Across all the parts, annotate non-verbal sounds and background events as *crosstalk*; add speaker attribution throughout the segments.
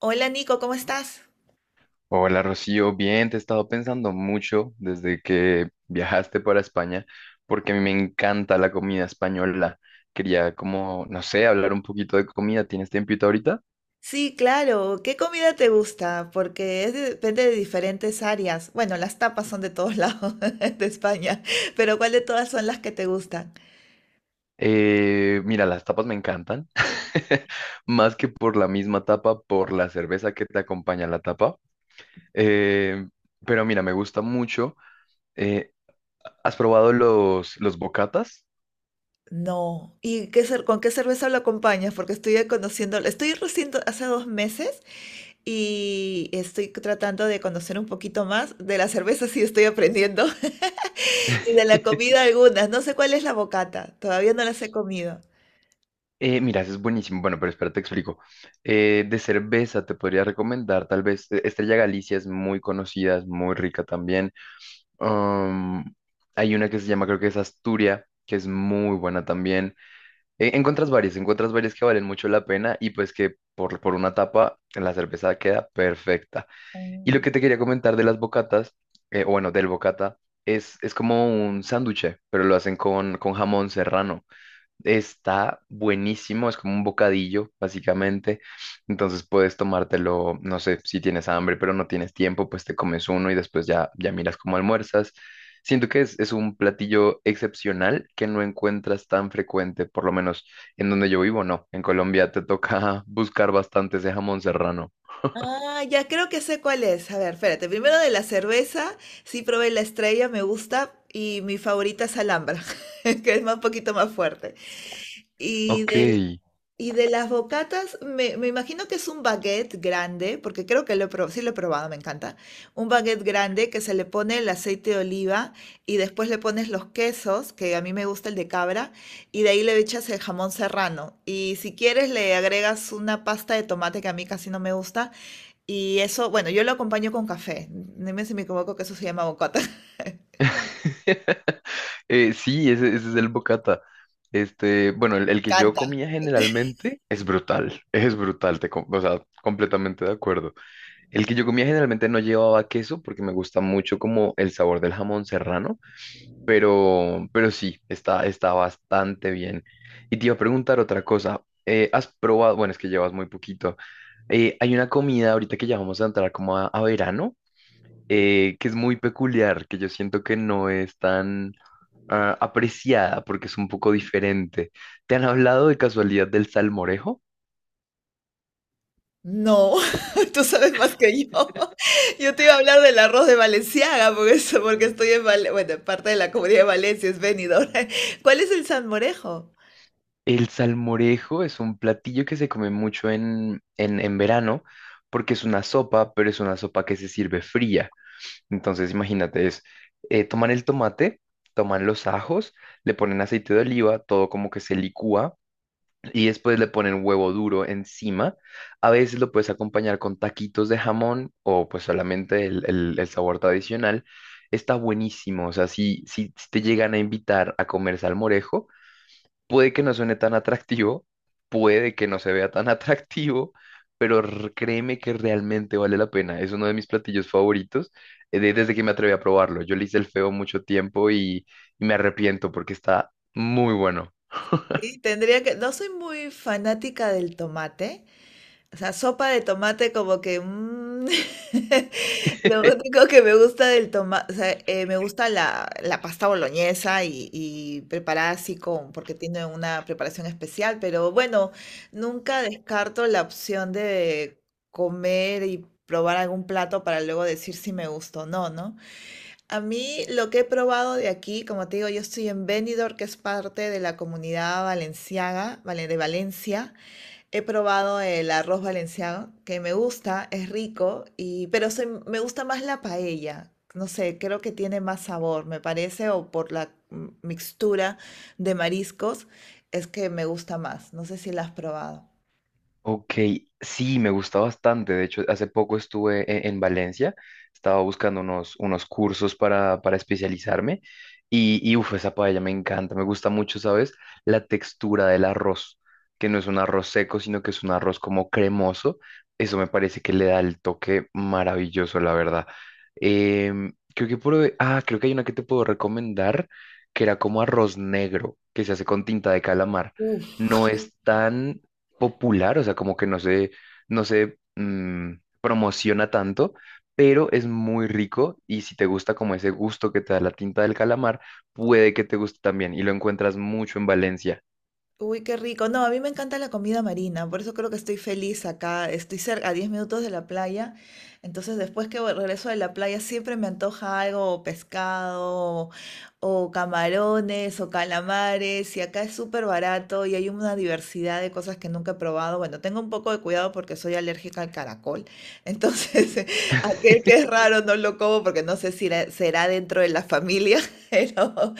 Speaker 1: Hola Nico, ¿cómo estás?
Speaker 2: Hola Rocío, bien, te he estado pensando mucho desde que *laughs* viajaste para España, porque a mí me encanta la comida española. Quería como, no sé, hablar un poquito de comida. ¿Tienes tiempito ahorita?
Speaker 1: Sí, claro. ¿Qué comida te gusta? Porque depende de diferentes áreas. Bueno, las tapas son de todos lados *laughs* de España, pero ¿cuál de todas son las que te gustan?
Speaker 2: Mira, las tapas me encantan, *laughs* más que por la misma tapa, por la cerveza que te acompaña a la tapa. Eh, pero mira, me gusta mucho. eh, ¿Has probado los bocatas?
Speaker 1: No. ¿Y con qué cerveza lo acompañas? Porque estoy conociendo, estoy recién hace 2 meses y estoy tratando de conocer un poquito más de la cerveza, sí estoy aprendiendo, *laughs* y de la
Speaker 2: *laughs*
Speaker 1: comida algunas. No sé cuál es la bocata, todavía no las he comido.
Speaker 2: Mira, eso es buenísimo. Bueno, pero espera, te explico. De cerveza te podría recomendar, tal vez Estrella Galicia es muy conocida, es muy rica también. Um, hay una que se llama, creo que es Asturia, que es muy buena también. Encuentras varias que valen mucho la pena y pues que por una tapa la cerveza queda perfecta. Y lo
Speaker 1: Mm.
Speaker 2: que te quería comentar de las bocatas, o bueno, del bocata, es como un sánduche, pero lo hacen con jamón serrano. Está buenísimo, es como un bocadillo, básicamente. Entonces puedes tomártelo, no sé, si tienes hambre, pero no tienes tiempo, pues te comes uno y después ya miras cómo almuerzas. Siento que es un platillo excepcional que no encuentras tan frecuente, por lo menos en donde yo vivo, no. En Colombia te toca *laughs* buscar bastante ese jamón serrano.
Speaker 1: Ah, ya creo que sé cuál es. A ver, espérate. Primero de la cerveza, sí probé la estrella, me gusta. Y mi favorita es Alhambra, *laughs* un poquito más fuerte. Y
Speaker 2: Ok.
Speaker 1: de, Y de las bocatas, me imagino que es un baguette grande, porque creo que lo he probado, sí lo he probado, me encanta. Un baguette grande que se le pone el aceite de oliva y después le pones los quesos, que a mí me gusta el de cabra, y de ahí le echas el jamón serrano. Y si quieres le agregas una pasta de tomate que a mí casi no me gusta. Y eso, bueno, yo lo acompaño con café. Dime si me equivoco que eso se llama bocata. *laughs* me
Speaker 2: *laughs* Sí, ese es el bocata. Este, bueno, el que yo
Speaker 1: encanta.
Speaker 2: comía generalmente es brutal, *laughs* es brutal, o sea, completamente de acuerdo. El que yo comía generalmente no llevaba queso porque me gusta mucho como el sabor del jamón serrano, pero sí, está, está bastante bien. Y te iba a preguntar otra cosa, ¿has probado, bueno, es que llevas muy poquito, hay una comida ahorita que ya vamos a entrar como a verano, que es muy peculiar, que yo siento que no es tan apreciada porque es un poco diferente. ¿Te han hablado de casualidad del salmorejo?
Speaker 1: No, *laughs* tú sabes más que yo. *laughs* Yo te iba a hablar del arroz de Valenciaga, porque estoy en Valencia, bueno, en parte de la comunidad de Valencia, es Benidorm. *laughs* ¿Cuál es el salmorejo?
Speaker 2: El salmorejo es un platillo que se come mucho en verano porque es una sopa, pero es una sopa que se sirve fría. Entonces, imagínate, es toman el tomate, toman los ajos, le ponen aceite de oliva, todo como que se licúa y después le ponen huevo duro encima. A veces lo puedes acompañar con taquitos de jamón o pues solamente el sabor tradicional. Está buenísimo, o sea, si te llegan a invitar a comer salmorejo, puede que no suene tan atractivo, puede que no se vea tan *laughs* atractivo, pero créeme que realmente vale la pena. Es uno de mis platillos favoritos desde que me atreví a probarlo. Yo le hice el feo mucho tiempo y me arrepiento porque está muy bueno.
Speaker 1: Sí, tendría que, no soy muy fanática del tomate, o sea, sopa de tomate como que... mm, *laughs* Lo
Speaker 2: *laughs*
Speaker 1: único que me gusta del tomate o sea, me gusta la pasta boloñesa y preparada así con, porque tiene una preparación especial, pero bueno, nunca descarto la opción de comer y probar algún plato para luego decir si me gustó o no, ¿no? A mí lo que he probado de aquí, como te digo, yo estoy en Benidorm, que es parte de la comunidad valenciaga, vale, de Valencia. He probado el arroz valenciano, que me gusta, es rico, pero me gusta más la paella. No sé, creo que tiene más sabor, me parece, o por la mixtura de mariscos, es que me gusta más. No sé si la has probado.
Speaker 2: Ok, sí, me gusta bastante. De hecho, hace poco estuve en Valencia, estaba buscando unos cursos para especializarme y uf, esa paella me encanta, me gusta mucho, ¿sabes? La textura del arroz, que no es un arroz seco, sino que es un arroz como cremoso. Eso me parece que le da el toque maravilloso, la verdad. Creo que creo que hay una que te puedo recomendar, que era como arroz negro, que se hace con tinta de calamar. No es tan popular, o sea, como que no se, no se mm, promociona tanto, pero es muy rico y si te gusta como ese gusto que te da la tinta del calamar, puede que te guste también y lo encuentras mucho en Valencia.
Speaker 1: Uy, qué rico. No, a mí me encanta la comida marina, por eso creo que estoy feliz acá. Estoy cerca, a 10 minutos de la playa. Entonces, después que regreso de la playa, siempre me antoja algo, pescado, o camarones, o calamares. Y acá es súper barato y hay una diversidad de cosas que nunca he probado. Bueno, tengo un poco de cuidado porque soy alérgica al caracol. Entonces, *laughs* aquel que es
Speaker 2: *laughs*
Speaker 1: raro no lo como porque no sé si será dentro de la familia, *laughs* pero.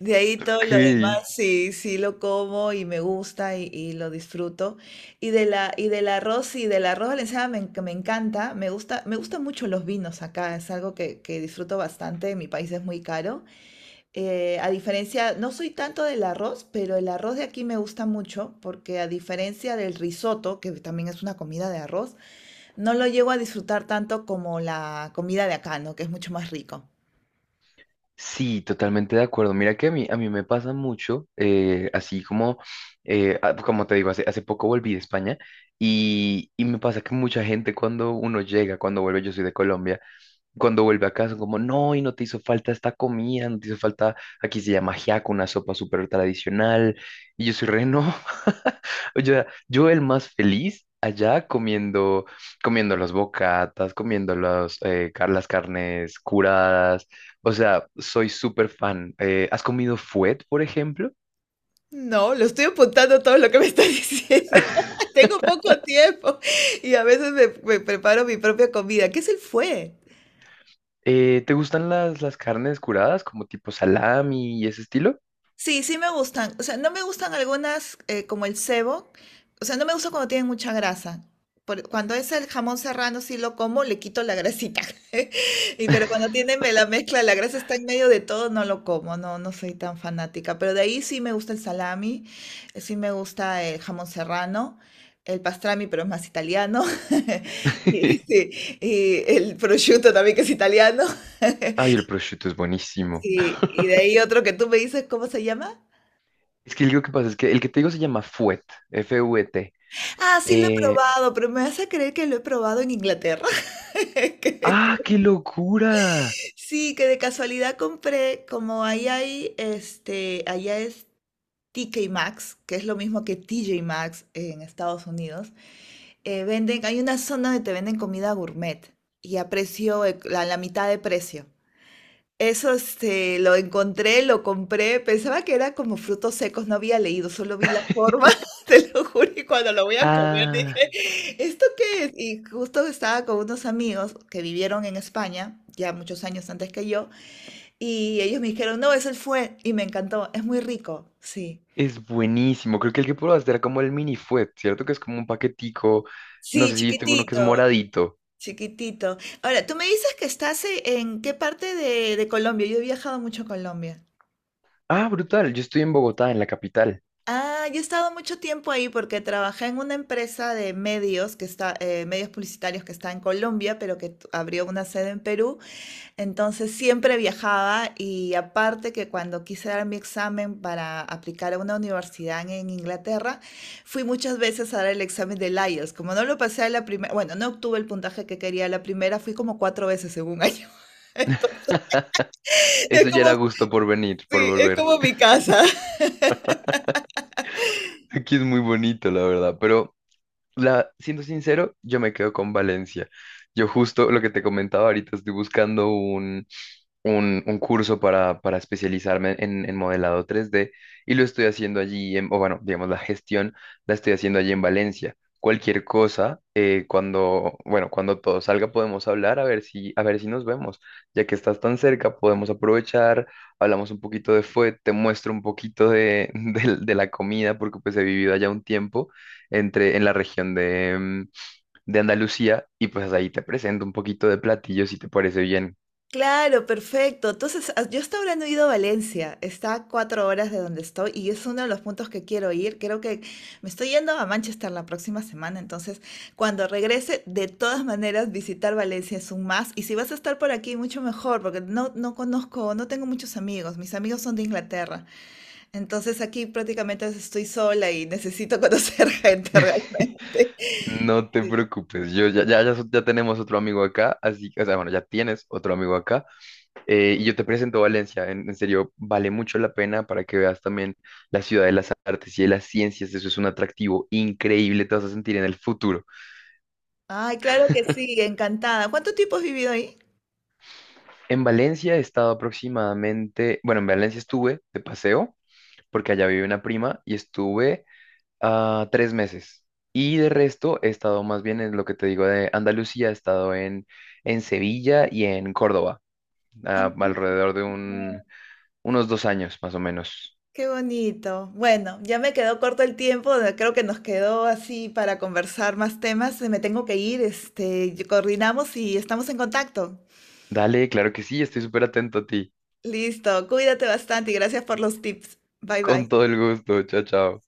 Speaker 1: De ahí todo
Speaker 2: Ok.
Speaker 1: lo demás sí, sí lo como y me gusta y lo disfruto. Y del arroz valenciano me encanta, me gusta, me gustan mucho los vinos acá, es algo que disfruto bastante, en mi país es muy caro. A diferencia, no soy tanto del arroz, pero el arroz de aquí me gusta mucho, porque a diferencia del risotto, que también es una comida de arroz, no lo llego a disfrutar tanto como la comida de acá, ¿no? Que es mucho más rico.
Speaker 2: Sí, totalmente de acuerdo. Mira que a mí me pasa mucho, como te digo, hace poco volví de España y me pasa que mucha gente cuando uno llega, cuando vuelve, yo soy de Colombia, cuando vuelve a casa, como, no, y no te hizo falta esta comida, no te hizo falta, aquí se llama ajiaco, una sopa súper tradicional, y yo soy no, *laughs* o sea, yo el más feliz allá comiendo, comiendo las bocatas, comiendo las carnes curadas, o sea, soy súper fan. ¿Has comido fuet, por ejemplo?
Speaker 1: No, lo estoy apuntando todo lo que me está diciendo. *laughs*
Speaker 2: *laughs*
Speaker 1: Tengo poco tiempo y a veces me preparo mi propia comida. ¿Qué es el fue?
Speaker 2: ¿Te gustan las carnes curadas, como tipo salami y ese estilo?
Speaker 1: Sí, sí me gustan. O sea, no me gustan algunas como el cebo. O sea, no me gusta cuando tienen mucha grasa. Cuando es el jamón serrano, sí lo como, le quito la grasita. *laughs* Y pero cuando la mezcla, la grasa está en medio de todo, no lo como, no, no soy tan fanática. Pero de ahí sí me gusta el salami, sí me gusta el jamón serrano, el pastrami, pero es más italiano. *laughs* Y,
Speaker 2: *laughs*
Speaker 1: sí, y el prosciutto también que es italiano.
Speaker 2: Ay,
Speaker 1: *laughs*
Speaker 2: el prosciutto es buenísimo.
Speaker 1: Sí, y de ahí otro que tú me dices, ¿cómo se llama?
Speaker 2: Es que lo que pasa es que el que te digo se llama Fuet, F-U-E-T.
Speaker 1: Ah, sí lo he
Speaker 2: Eh,
Speaker 1: probado, pero me vas a creer que lo he probado en Inglaterra. *laughs* Que-
Speaker 2: ¡ah, qué locura!
Speaker 1: Sí, que de casualidad compré, como ahí hay, este, allá es TK Maxx, que es lo mismo que TJ Maxx en Estados Unidos. Venden, hay una zona donde te venden comida gourmet y a a la mitad de precio. Eso, este, lo encontré, lo compré, pensaba que era como frutos secos, no había leído, solo vi la forma,
Speaker 2: *laughs*
Speaker 1: *laughs* te lo juro, y cuando lo voy a comer
Speaker 2: Ah,
Speaker 1: dije, ¿esto qué es? Y justo estaba con unos amigos que vivieron en España, ya muchos años antes que yo, y ellos me dijeron, no, es el fue, y me encantó, es muy rico, sí.
Speaker 2: es buenísimo. Creo que el que probaste era como el mini fuet, ¿cierto? Que es como un paquetico. No
Speaker 1: Sí,
Speaker 2: sé si viste uno que es
Speaker 1: chiquitito,
Speaker 2: moradito.
Speaker 1: chiquitito. Ahora, tú me dices que estás en qué parte de Colombia, yo he viajado mucho a Colombia.
Speaker 2: Ah, brutal. Yo estoy en Bogotá, en la capital.
Speaker 1: Ah, yo he estado mucho tiempo ahí porque trabajé en una empresa de medios que está, medios publicitarios que está en Colombia, pero que abrió una sede en Perú. Entonces siempre viajaba y aparte que cuando quise dar mi examen para aplicar a una universidad en Inglaterra, fui muchas veces a dar el examen del IELTS. Como no lo pasé a la primera, bueno, no obtuve el puntaje que quería a la primera, fui como 4 veces en 1 año. *laughs* Entonces, es
Speaker 2: Eso ya
Speaker 1: como,
Speaker 2: era gusto por venir, por
Speaker 1: sí, es
Speaker 2: volver.
Speaker 1: como mi casa.
Speaker 2: Aquí es muy bonito, la verdad. Pero la, siendo sincero, yo me quedo con Valencia. Yo justo lo que te comentaba ahorita, estoy buscando un curso para especializarme en modelado 3D y lo estoy haciendo allí, o bueno, digamos, la gestión la estoy haciendo allí en Valencia. Cualquier cosa, cuando, bueno, cuando todo salga podemos hablar a ver si nos vemos. Ya que estás tan cerca, podemos aprovechar, hablamos un poquito de fue, te muestro un poquito de, *laughs* de la comida, porque pues he vivido allá un tiempo en la región de, de Andalucía y pues ahí te presento un poquito de platillos si te parece bien.
Speaker 1: Claro, perfecto. Entonces, ah, yo hasta ahora no he ido a Valencia, está a 4 horas de donde estoy y es uno de los puntos que quiero ir. Creo que me estoy yendo a Manchester la próxima semana, entonces cuando regrese, de todas maneras, visitar Valencia es un más. Y si vas a estar por aquí, mucho mejor, porque no, no conozco, no tengo muchos amigos, mis amigos son de Inglaterra, entonces aquí prácticamente estoy sola y necesito conocer *laughs* gente realmente.
Speaker 2: No te
Speaker 1: Sí.
Speaker 2: preocupes, yo ya, ya, ya, so- ya tenemos otro amigo acá, así, o sea, bueno, ya tienes otro amigo acá, y yo te presento Valencia, en serio, vale mucho la pena para que veas también la ciudad de las artes y de las ciencias, eso es un atractivo increíble, te vas a sentir en el futuro.
Speaker 1: Ay, claro que sí, encantada. ¿Cuánto tiempo has vivido ahí?
Speaker 2: En Valencia he estado aproximadamente, bueno, en Valencia estuve de paseo, porque allá vive una prima, y estuve 3 meses, y de resto he estado más bien en lo que te digo de Andalucía, he estado en Sevilla y en Córdoba.
Speaker 1: Ah,
Speaker 2: Alrededor unos 2 años más o menos.
Speaker 1: qué bonito. Bueno, ya me quedó corto el tiempo, creo que nos quedó así para conversar más temas. Me tengo que ir, este, y coordinamos y estamos en contacto.
Speaker 2: Dale, claro que sí, estoy súper atento a ti.
Speaker 1: Listo, cuídate bastante y gracias por los tips. Bye
Speaker 2: Con
Speaker 1: bye.
Speaker 2: todo el gusto, chao, chao.